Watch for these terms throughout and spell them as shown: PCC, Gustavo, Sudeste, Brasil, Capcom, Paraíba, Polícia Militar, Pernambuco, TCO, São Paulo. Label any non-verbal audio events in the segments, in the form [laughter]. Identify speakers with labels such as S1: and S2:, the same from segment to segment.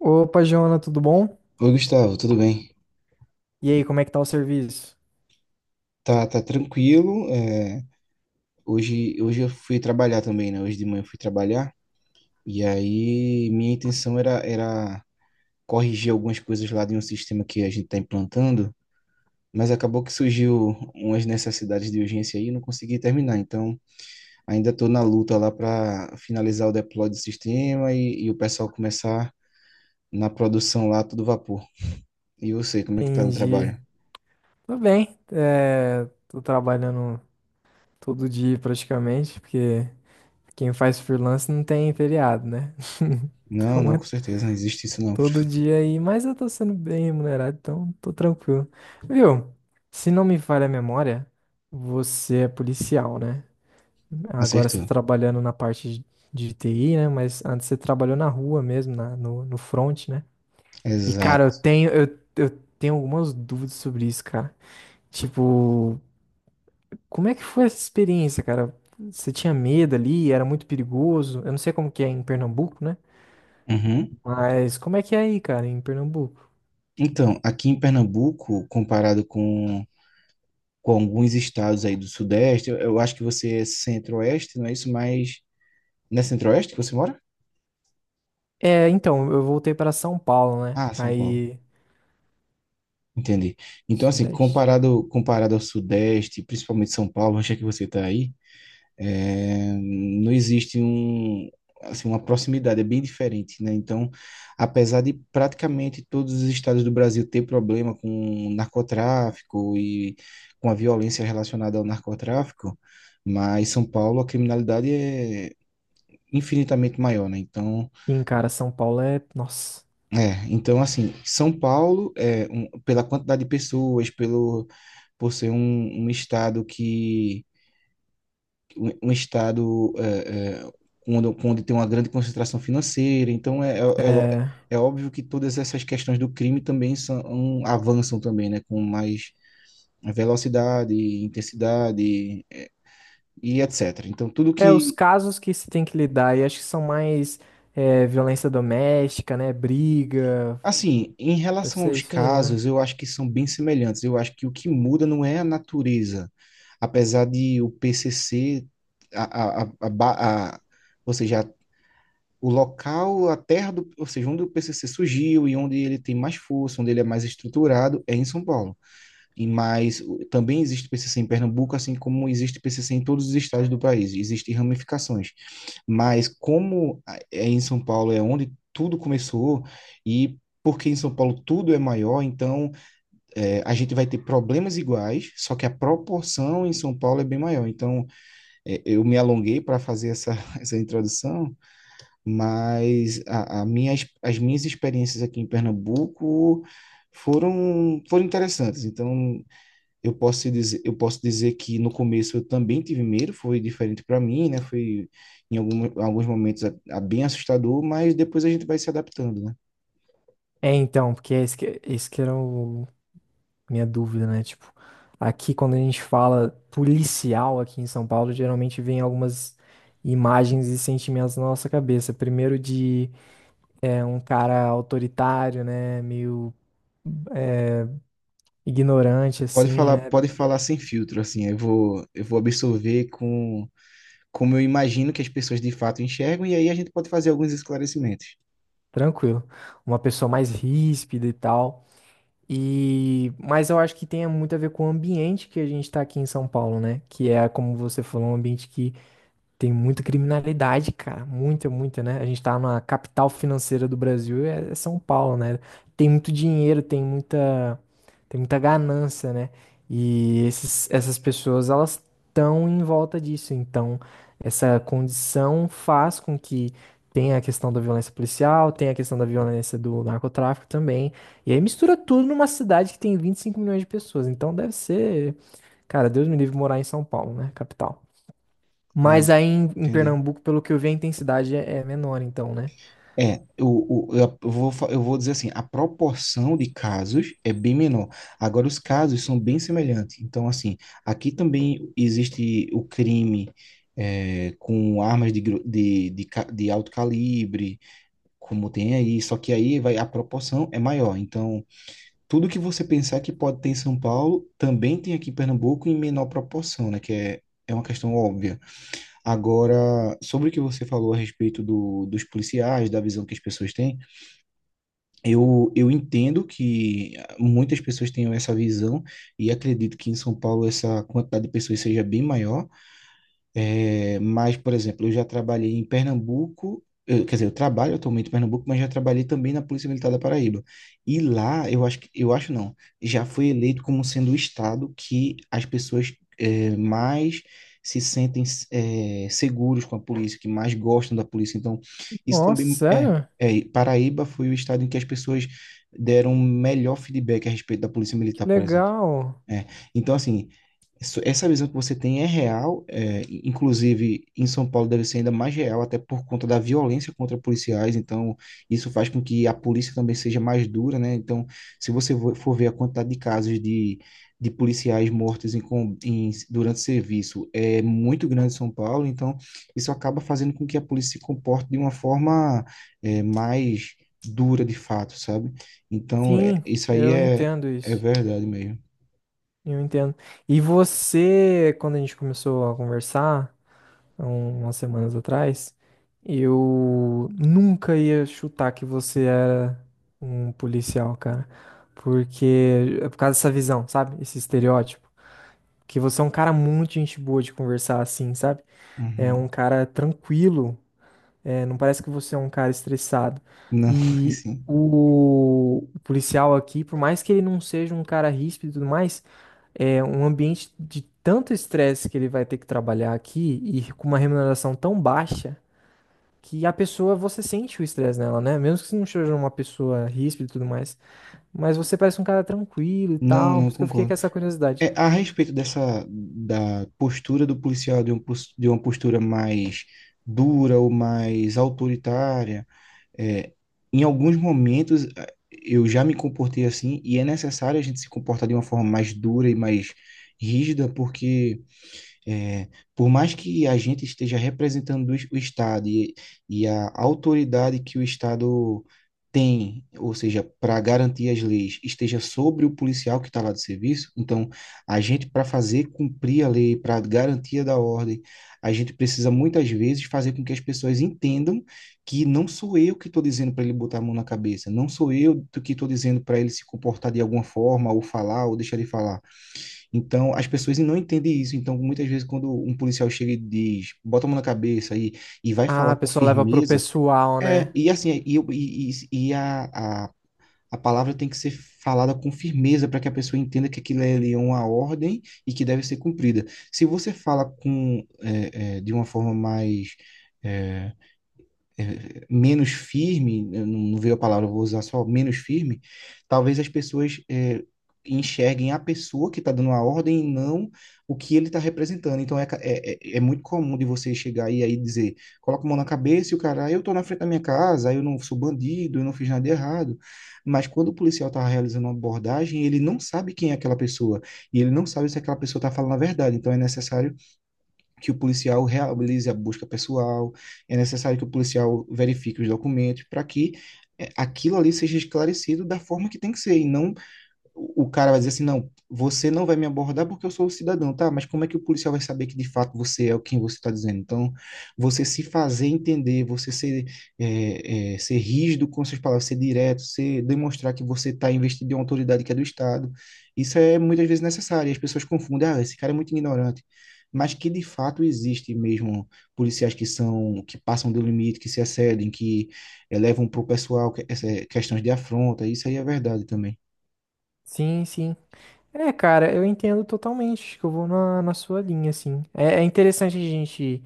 S1: Opa, Jona, tudo bom?
S2: Oi, Gustavo, tudo bem?
S1: E aí, como é que tá o serviço?
S2: Tá, tá tranquilo. Hoje, hoje eu fui trabalhar também, né? Hoje de manhã eu fui trabalhar. E aí, minha intenção era corrigir algumas coisas lá de um sistema que a gente está implantando, mas acabou que surgiu umas necessidades de urgência aí e não consegui terminar. Então, ainda estou na luta lá para finalizar o deploy do sistema e o pessoal começar na produção lá, tudo vapor. E você, como é que tá no
S1: Entendi.
S2: trabalho?
S1: Tudo bem. Tô trabalhando todo dia praticamente, porque quem faz freelance não tem feriado, né? [laughs]
S2: Não,
S1: Então
S2: não,
S1: é
S2: com certeza, não existe isso não.
S1: todo dia aí, mas eu tô sendo bem remunerado, então tô tranquilo. Viu? Se não me falha a memória, você é policial, né? Agora você tá
S2: Acertou.
S1: trabalhando na parte de TI, né? Mas antes você trabalhou na rua mesmo, no front, né? E, cara, eu
S2: Exato.
S1: tenho, eu, eu tenho algumas dúvidas sobre isso, cara. Tipo, como é que foi essa experiência, cara? Você tinha medo ali? Era muito perigoso? Eu não sei como que é em Pernambuco, né?
S2: Uhum.
S1: Mas como é que é aí, cara, em Pernambuco?
S2: Então, aqui em Pernambuco, comparado com alguns estados aí do Sudeste, eu acho que você é centro-oeste, não é isso? Mas não é centro-oeste que você mora?
S1: Então, eu voltei para São Paulo, né?
S2: Ah, São Paulo.
S1: Aí,
S2: Entendi. Então, assim,
S1: Sudeste.
S2: comparado ao Sudeste, principalmente São Paulo, onde é que você está aí? É, não existe um, assim, uma proximidade, é bem diferente, né? Então, apesar de praticamente todos os estados do Brasil ter problema com o narcotráfico e com a violência relacionada ao narcotráfico, mas São Paulo a criminalidade é infinitamente maior, né? Então,
S1: Sim, cara, São Paulo é. Nossa.
S2: então assim, São Paulo é pela quantidade de pessoas, pelo por ser um, um estado que um estado onde tem uma grande concentração financeira. Então, é lo-
S1: É.
S2: é óbvio que todas essas questões do crime também avançam também, né? Com mais velocidade, intensidade e etc. Então, tudo
S1: Os
S2: que...
S1: casos que se tem que lidar, e acho que são mais violência doméstica, né? Briga.
S2: Assim, em
S1: Deve
S2: relação
S1: ser
S2: aos
S1: isso aí, não é?
S2: casos, eu acho que são bem semelhantes. Eu acho que o que muda não é a natureza. Apesar de o PCC... A, a, a, a, ba- a, ou seja, o local, a terra do, ou seja, onde o PCC surgiu e onde ele tem mais força, onde ele é mais estruturado, é em São Paulo. E mais, também existe PCC em Pernambuco, assim como existe PCC em todos os estados do país. Existem ramificações, mas em São Paulo é onde tudo começou e porque em São Paulo tudo é maior, então a gente vai ter problemas iguais, só que a proporção em São Paulo é bem maior. Então, eu me alonguei para fazer essa, [laughs] essa introdução, mas as minhas experiências aqui em Pernambuco foram, foram interessantes. Então, eu posso te dizer, eu posso dizer que no começo eu também tive medo, foi diferente para mim, né? Foi em alguns momentos a bem assustador, mas depois a gente vai se adaptando, né?
S1: Então, porque é esse que era o, minha dúvida, né? Tipo, aqui quando a gente fala policial aqui em São Paulo, geralmente vem algumas imagens e sentimentos na nossa cabeça. Primeiro de um cara autoritário, né? Meio ignorante, assim, né?
S2: Pode falar sem filtro, assim, eu vou absorver como eu imagino que as pessoas de fato enxergam, e aí a gente pode fazer alguns esclarecimentos.
S1: Tranquilo. Uma pessoa mais ríspida e tal. E, mas eu acho que tem muito a ver com o ambiente que a gente tá aqui em São Paulo, né? Que é, como você falou, um ambiente que tem muita criminalidade, cara. Muita, muita, né? A gente tá na capital financeira do Brasil, é São Paulo, né? Tem muito dinheiro, tem muita ganância, né? E essas pessoas, elas estão em volta disso. Então, essa condição faz com que tenha a questão da violência policial, tenha a questão da violência do narcotráfico também. E aí mistura tudo numa cidade que tem 25 milhões de pessoas. Então, deve ser, cara, Deus me livre morar em São Paulo, né? Capital.
S2: Ah,
S1: Mas aí em
S2: entendi.
S1: Pernambuco, pelo que eu vi, a intensidade é, é menor, então, né?
S2: É, o, eu vou, fa- eu vou dizer assim, a proporção de casos é bem menor. Agora, os casos são bem semelhantes. Então, assim, aqui também existe o crime com armas de, gru- de, ca- de alto calibre, como tem aí, só que aí vai, a proporção é maior. Então, tudo que você pensar que pode ter em São Paulo, também tem aqui em Pernambuco em menor proporção, né? Que é, é uma questão óbvia. Agora, sobre o que você falou a respeito dos policiais, da visão que as pessoas têm, eu entendo que muitas pessoas tenham essa visão e acredito que em São Paulo essa quantidade de pessoas seja bem maior, mas, por exemplo, eu já trabalhei em Pernambuco, quer dizer, eu trabalho atualmente em Pernambuco, mas já trabalhei também na Polícia Militar da Paraíba. E lá, eu acho que, eu acho não, já foi eleito como sendo o estado que as pessoas mais se sentem seguros com a polícia, que mais gostam da polícia. Então, isso
S1: Nossa,
S2: também
S1: sério?
S2: e Paraíba foi o estado em que as pessoas deram um melhor feedback a respeito da Polícia
S1: Que
S2: Militar, por exemplo.
S1: legal.
S2: É. Então, assim, essa visão que você tem é real, inclusive em São Paulo deve ser ainda mais real, até por conta da violência contra policiais, então isso faz com que a polícia também seja mais dura, né? Então, se você for ver a quantidade de casos de policiais mortos durante serviço, é muito grande em São Paulo, então isso acaba fazendo com que a polícia se comporte de uma forma, mais dura de fato, sabe? Então,
S1: Sim,
S2: isso aí
S1: eu entendo
S2: é
S1: isso.
S2: verdade mesmo.
S1: Eu entendo. E você, quando a gente começou a conversar, umas semanas atrás, eu nunca ia chutar que você era um policial, cara. Porque, é por causa dessa visão, sabe? Esse estereótipo. Que você é um cara muito gente boa de conversar assim, sabe? É
S2: Uhum.
S1: um cara tranquilo. É, não parece que você é um cara estressado.
S2: Não, [laughs]
S1: E
S2: sim.
S1: o policial aqui, por mais que ele não seja um cara ríspido e tudo mais, é um ambiente de tanto estresse que ele vai ter que trabalhar aqui e com uma remuneração tão baixa que a pessoa, você sente o estresse nela, né? Mesmo que você não seja uma pessoa ríspida e tudo mais, mas você parece um cara tranquilo e
S2: Não,
S1: tal, por
S2: não,
S1: isso que eu fiquei com
S2: concordo.
S1: essa curiosidade.
S2: É, a respeito dessa da postura do policial, de uma postura mais dura ou mais autoritária, é, em alguns momentos eu já me comportei assim e é necessário a gente se comportar de uma forma mais dura e mais rígida, porque é, por mais que a gente esteja representando o Estado e a autoridade que o Estado tem, ou seja, para garantir as leis, esteja sobre o policial que está lá de serviço, então a gente, para fazer cumprir a lei, para garantia da ordem, a gente precisa muitas vezes fazer com que as pessoas entendam que não sou eu que estou dizendo para ele botar a mão na cabeça, não sou eu que estou dizendo para ele se comportar de alguma forma, ou falar, ou deixar de falar, então, as pessoas não entendem isso. Então, muitas vezes, quando um policial chega e diz, bota a mão na cabeça e vai
S1: Ah,
S2: falar
S1: a
S2: com
S1: pessoa leva pro
S2: firmeza,
S1: pessoal,
S2: é,
S1: né?
S2: e assim, e, eu- e a, a palavra tem que ser falada com firmeza para que a pessoa entenda que aquilo é ali é uma ordem e que deve ser cumprida. Se você fala com, de uma forma mais. é, menos firme, eu não veio a palavra, eu vou usar só menos firme, talvez as pessoas enxerguem a pessoa que está dando a ordem e não o que ele está representando. Então é muito comum de você chegar aí e dizer, coloca a mão na cabeça e o cara, "Ah, eu estou na frente da minha casa, eu não sou bandido, eu não fiz nada de errado." Mas quando o policial está realizando uma abordagem, ele não sabe quem é aquela pessoa e ele não sabe se aquela pessoa está falando a verdade. Então é necessário que o policial realize a busca pessoal, é necessário que o policial verifique os documentos para que aquilo ali seja esclarecido da forma que tem que ser, e não o cara vai dizer assim, não, você não vai me abordar porque eu sou um cidadão, tá? Mas como é que o policial vai saber que de fato você é o quem você está dizendo? Então, você se fazer entender, você ser, ser rígido com suas palavras, ser direto, ser, demonstrar que você está investido em uma autoridade que é do Estado, isso é muitas vezes necessário. E as pessoas confundem, ah, esse cara é muito ignorante. Mas que de fato existe mesmo policiais que são, que passam do limite, que se excedem, que levam para o pessoal questões de afronta, isso aí é verdade também.
S1: Sim, sim. É, cara, eu entendo totalmente, que eu vou na, na sua linha, assim. É interessante a gente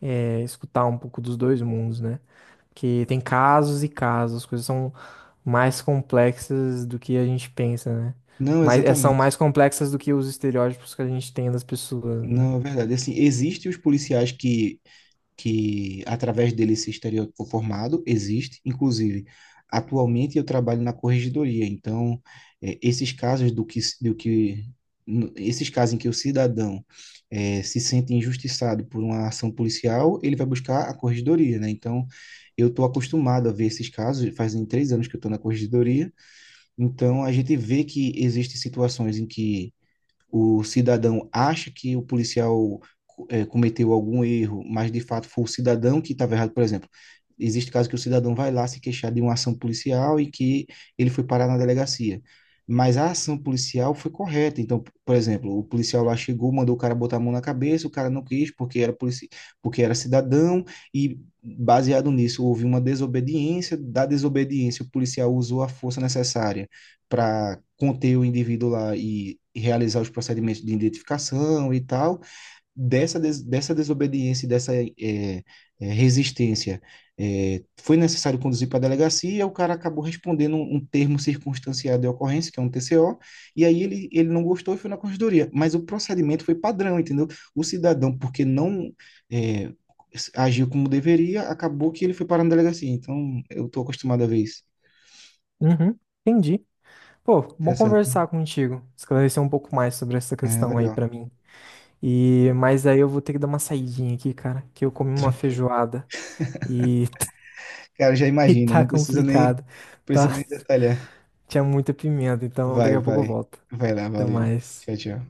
S1: escutar um pouco dos dois mundos, né? Porque tem casos e casos, as coisas são mais complexas do que a gente pensa, né?
S2: Não,
S1: Mas são
S2: exatamente.
S1: mais complexas do que os estereótipos que a gente tem das pessoas, né?
S2: Não, é verdade. Assim, existem os policiais que através dele esse estereótipo formado, existe. Inclusive, atualmente eu trabalho na corregedoria, então esses casos esses casos em que o cidadão se sente injustiçado por uma ação policial, ele vai buscar a corregedoria, né? Então, eu estou acostumado a ver esses casos, fazem 3 anos que eu estou na corregedoria, então a gente vê que existem situações em que o cidadão acha que o policial cometeu algum erro, mas de fato foi o cidadão que estava errado, por exemplo. Existe caso que o cidadão vai lá se queixar de uma ação policial e que ele foi parar na delegacia. Mas a ação policial foi correta. Então, por exemplo, o policial lá chegou, mandou o cara botar a mão na cabeça, o cara não quis porque era polici... porque era cidadão e baseado nisso houve uma desobediência, da desobediência o policial usou a força necessária para conter o indivíduo lá e realizar os procedimentos de identificação e tal, dessa desobediência e dessa resistência, foi necessário conduzir para a delegacia, o cara acabou respondendo um termo circunstanciado de ocorrência, que é um TCO, e aí ele não gostou e foi na corregedoria. Mas o procedimento foi padrão, entendeu? O cidadão, porque não é, agiu como deveria, acabou que ele foi parar na delegacia. Então, eu estou acostumado a ver isso.
S1: Uhum, entendi. Pô, bom
S2: Interessante.
S1: conversar contigo, esclarecer um pouco mais sobre essa
S2: É,
S1: questão aí
S2: legal.
S1: pra mim. E, mas aí eu vou ter que dar uma saidinha aqui, cara, que eu comi uma
S2: Tranquilo.
S1: feijoada. E [laughs]
S2: Cara, já
S1: [laughs] E
S2: imagino,
S1: tá
S2: não precisa nem,
S1: complicado, tá?
S2: precisa nem detalhar.
S1: [laughs] Tinha muita pimenta, então daqui
S2: Vai,
S1: a pouco eu
S2: vai.
S1: volto.
S2: Vai lá,
S1: Até
S2: valeu.
S1: mais.
S2: Tchau, tchau.